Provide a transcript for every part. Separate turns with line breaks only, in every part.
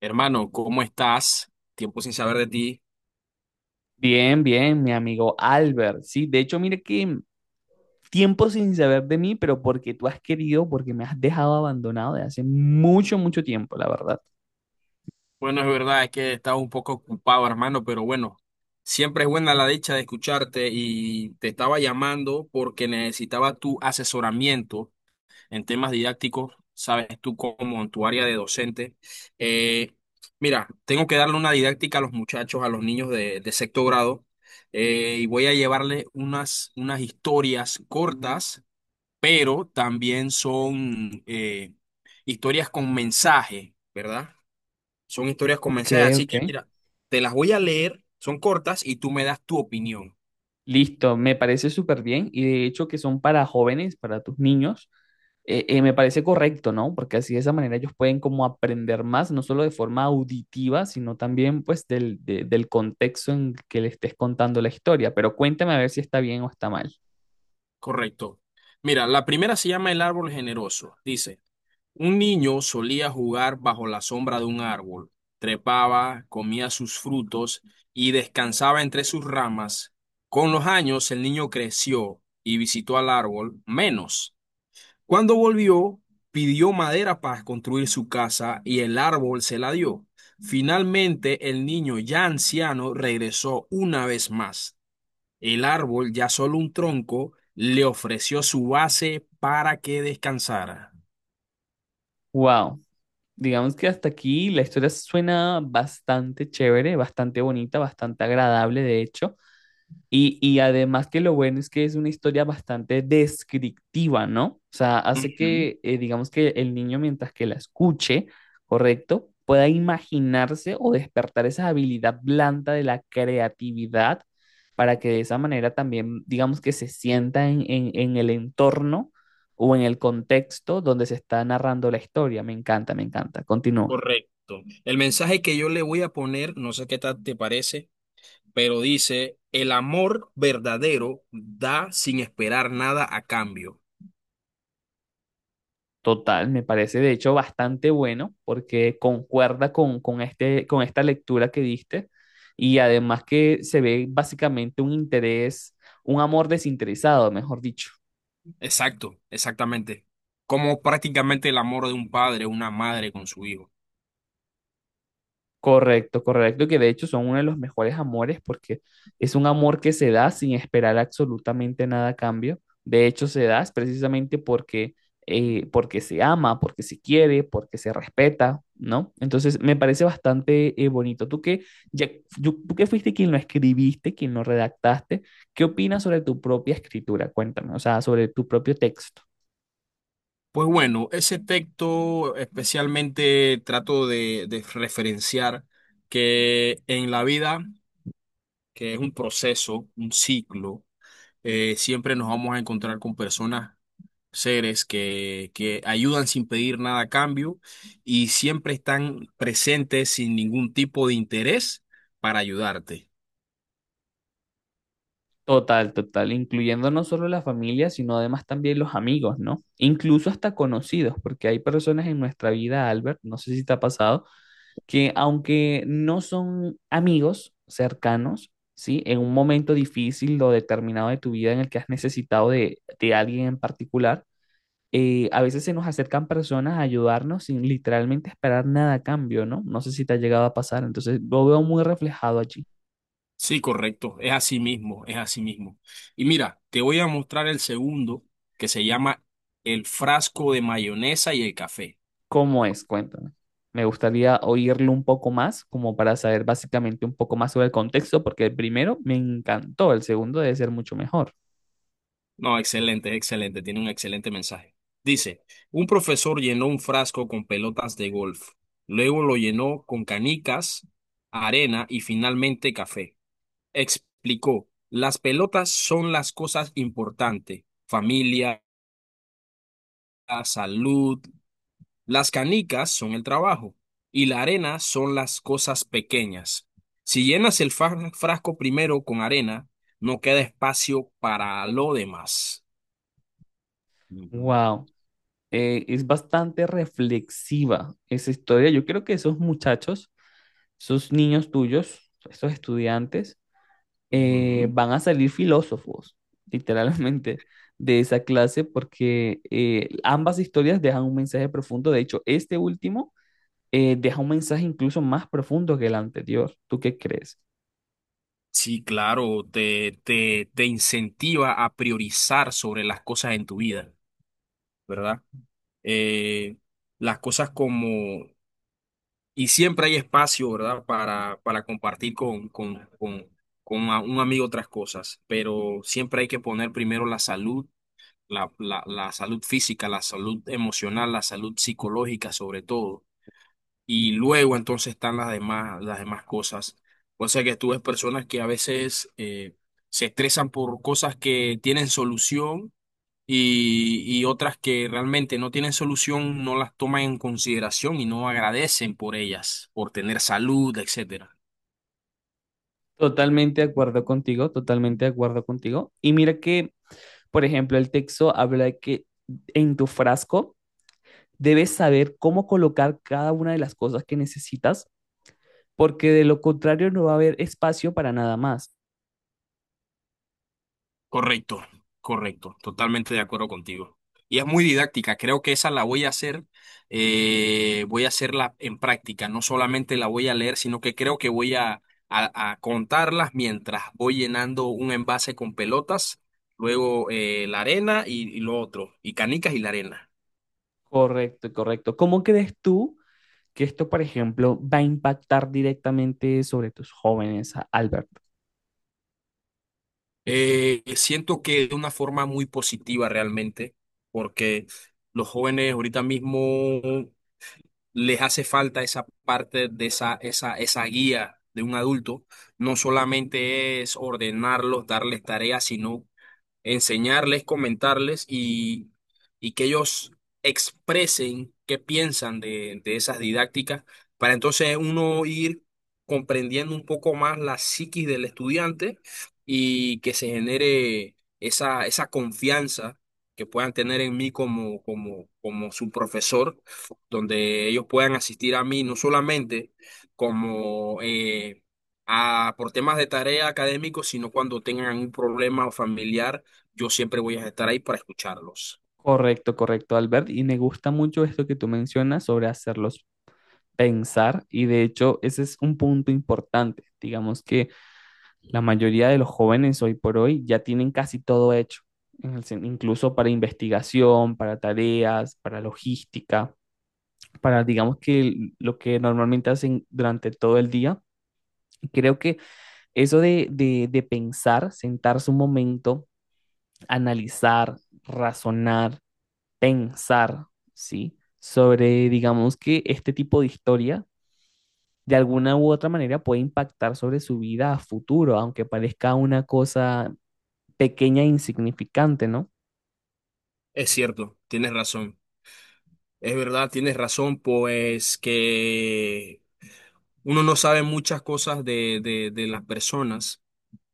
Hermano, ¿cómo estás? Tiempo sin saber de ti.
Bien, bien, mi amigo Albert. Sí, de hecho, mire que tiempo sin saber de mí, pero porque tú has querido, porque me has dejado abandonado de hace mucho, mucho tiempo, la verdad.
Bueno, es verdad, es que estaba un poco ocupado, hermano, pero bueno, siempre es buena la dicha de escucharte y te estaba llamando porque necesitaba tu asesoramiento en temas didácticos, sabes tú como en tu área de docente. Eh, Mira, tengo que darle una didáctica a los muchachos, a los niños de sexto grado, y voy a llevarle unas historias cortas, pero también son historias con mensaje, ¿verdad? Son historias con
Ok,
mensaje, así
ok.
que mira, te las voy a leer, son cortas y tú me das tu opinión,
Listo, me parece súper bien y de hecho que son para jóvenes, para tus niños, me parece correcto, ¿no? Porque así de esa manera ellos pueden como aprender más, no solo de forma auditiva, sino también pues del contexto en que le estés contando la historia. Pero cuéntame a ver si está bien o está mal.
correcto. Mira, la primera se llama El árbol generoso. Dice, un niño solía jugar bajo la sombra de un árbol, trepaba, comía sus frutos y descansaba entre sus ramas. Con los años el niño creció y visitó al árbol menos. Cuando volvió, pidió madera para construir su casa y el árbol se la dio. Finalmente, el niño ya anciano regresó una vez más. El árbol, ya solo un tronco, le ofreció su base para que descansara.
Wow. Digamos que hasta aquí la historia suena bastante chévere, bastante bonita, bastante agradable, de hecho. Y además que lo bueno es que es una historia bastante descriptiva, ¿no? O sea, hace
Ujú,
que, digamos que el niño mientras que la escuche, ¿correcto? Pueda imaginarse o despertar esa habilidad blanda de la creatividad para que de esa manera también, digamos que se sienta en, en el entorno o en el contexto donde se está narrando la historia. Me encanta, me encanta. Continúa.
correcto. El mensaje que yo le voy a poner, no sé qué tal te parece, pero dice, el amor verdadero da sin esperar nada a cambio.
Total, me parece de hecho bastante bueno porque concuerda con esta lectura que diste y además que se ve básicamente un interés, un amor desinteresado, mejor dicho.
Exacto, exactamente. Como prácticamente el amor de un padre, una madre con su hijo.
Correcto, correcto, que de hecho son uno de los mejores amores porque es un amor que se da sin esperar absolutamente nada a cambio. De hecho, se da es precisamente porque, porque se ama, porque se quiere, porque se respeta, ¿no? Entonces, me parece bastante bonito. Tú que, ya, tú que fuiste quien lo escribiste, quien lo redactaste, ¿qué opinas sobre tu propia escritura? Cuéntame, o sea, sobre tu propio texto.
Pues bueno, ese texto especialmente trato de referenciar que en la vida, que es un proceso, un ciclo, siempre nos vamos a encontrar con personas, seres que ayudan sin pedir nada a cambio y siempre están presentes sin ningún tipo de interés para ayudarte.
Total, total, incluyendo no solo la familia, sino además también los amigos, ¿no? Incluso hasta conocidos, porque hay personas en nuestra vida, Albert, no sé si te ha pasado, que aunque no son amigos cercanos, ¿sí? En un momento difícil o determinado de tu vida en el que has necesitado de alguien en particular, a veces se nos acercan personas a ayudarnos sin literalmente esperar nada a cambio, ¿no? No sé si te ha llegado a pasar, entonces lo veo muy reflejado allí.
Sí, correcto, es así mismo, es así mismo. Y mira, te voy a mostrar el segundo, que se llama el frasco de mayonesa y el café.
¿Cómo es? Cuéntame. Me gustaría oírlo un poco más, como para saber básicamente un poco más sobre el contexto, porque el primero me encantó, el segundo debe ser mucho mejor.
No, excelente, excelente, tiene un excelente mensaje. Dice, un profesor llenó un frasco con pelotas de golf, luego lo llenó con canicas, arena y finalmente café. Explicó, las pelotas son las cosas importantes, familia, salud, las canicas son el trabajo y la arena son las cosas pequeñas. Si llenas el frasco primero con arena, no queda espacio para lo demás. Ujú.
Wow, es bastante reflexiva esa historia. Yo creo que esos muchachos, esos niños tuyos, esos estudiantes,
Ujú.
van a salir filósofos, literalmente, de esa clase, porque ambas historias dejan un mensaje profundo. De hecho, este último deja un mensaje incluso más profundo que el anterior. ¿Tú qué crees?
Sí, claro, te incentiva a priorizar sobre las cosas en tu vida, ¿verdad? Eh, las cosas como... Y siempre hay espacio, ¿verdad? Para compartir con un amigo otras cosas, pero siempre hay que poner primero la salud, la salud física, la salud emocional, la salud psicológica sobre todo. Y luego entonces están las demás cosas. O sea que tú ves personas que a veces se estresan por cosas que tienen solución y otras que realmente no tienen solución, no las toman en consideración y no agradecen por ellas, por tener salud, etcétera.
Totalmente de acuerdo contigo, totalmente de acuerdo contigo. Y mira que, por ejemplo, el texto habla de que en tu frasco debes saber cómo colocar cada una de las cosas que necesitas, porque de lo contrario no va a haber espacio para nada más.
Correcto, correcto, totalmente de acuerdo contigo. Y es muy didáctica, creo que esa la voy a hacer, voy a hacerla en práctica, no solamente la voy a leer, sino que creo que voy a, a contarlas mientras voy llenando un envase con pelotas, luego la arena y lo otro, y canicas y la arena.
Correcto, correcto. ¿Cómo crees tú que esto, por ejemplo, va a impactar directamente sobre tus jóvenes, Albert?
Siento que de una forma muy positiva realmente, porque los jóvenes ahorita mismo les hace falta esa parte de esa guía de un adulto. No solamente es ordenarlos, darles tareas, sino enseñarles, comentarles y que ellos expresen qué piensan de esas didácticas, para entonces uno ir comprendiendo un poco más la psiquis del estudiante y que se genere esa confianza que puedan tener en mí como su profesor, donde ellos puedan asistir a mí no solamente como... por temas de tarea académicos, sino cuando tengan un problema familiar yo siempre voy a estar ahí para escucharlos.
Correcto, correcto, Albert. Y me gusta mucho esto que tú mencionas sobre hacerlos pensar y de hecho ese es un punto importante. Digamos que la mayoría de los jóvenes hoy por hoy ya tienen casi todo hecho, en el incluso para investigación, para tareas, para logística, para digamos que lo que normalmente hacen durante todo el día. Creo que eso de pensar, sentarse un momento, analizar, razonar, pensar, ¿sí? Sobre, digamos que este tipo de historia de alguna u otra manera puede impactar sobre su vida a futuro, aunque parezca una cosa pequeña e insignificante, ¿no?
Es cierto, tienes razón. Es verdad, tienes razón, pues que uno no sabe muchas cosas de las personas,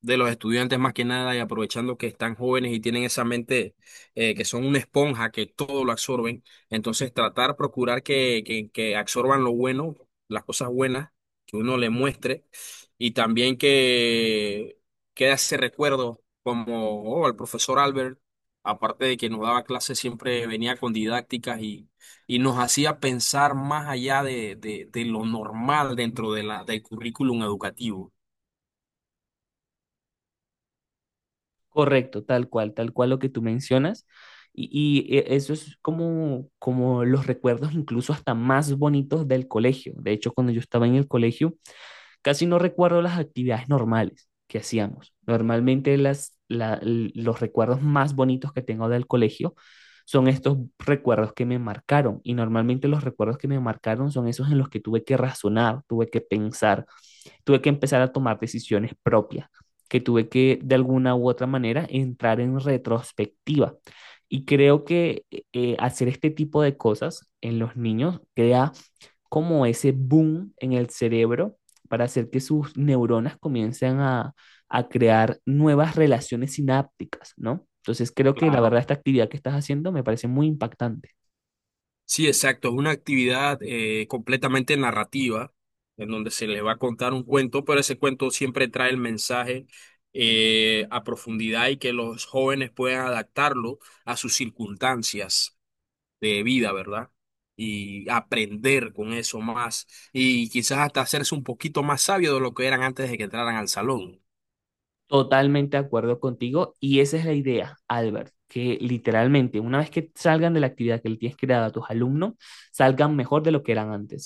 de los estudiantes más que nada, y aprovechando que están jóvenes y tienen esa mente que son una esponja, que todo lo absorben. Entonces tratar, procurar que absorban lo bueno, las cosas buenas que uno le muestre, y también que quede ese recuerdo como oh, el profesor Albert, aparte de que nos daba clases, siempre venía con didácticas y nos hacía pensar más allá de lo normal dentro de la, del currículum educativo.
Correcto, tal cual lo que tú mencionas. Eso es como, como los recuerdos incluso hasta más bonitos del colegio. De hecho, cuando yo estaba en el colegio, casi no recuerdo las actividades normales que hacíamos. Normalmente los recuerdos más bonitos que tengo del colegio son estos recuerdos que me marcaron. Y normalmente los recuerdos que me marcaron son esos en los que tuve que razonar, tuve que pensar, tuve que empezar a tomar decisiones propias, que tuve que de alguna u otra manera entrar en retrospectiva. Y creo que hacer este tipo de cosas en los niños crea como ese boom en el cerebro para hacer que sus neuronas comiencen a crear nuevas relaciones sinápticas, ¿no? Entonces creo que la
Claro.
verdad esta actividad que estás haciendo me parece muy impactante.
Sí, exacto. Es una actividad completamente narrativa, en donde se les va a contar un cuento, pero ese cuento siempre trae el mensaje a profundidad y que los jóvenes puedan adaptarlo a sus circunstancias de vida, ¿verdad? Y aprender con eso más y quizás hasta hacerse un poquito más sabio de lo que eran antes de que entraran al salón.
Totalmente de acuerdo contigo y esa es la idea, Albert, que literalmente una vez que salgan de la actividad que le tienes creada a tus alumnos, salgan mejor de lo que eran antes.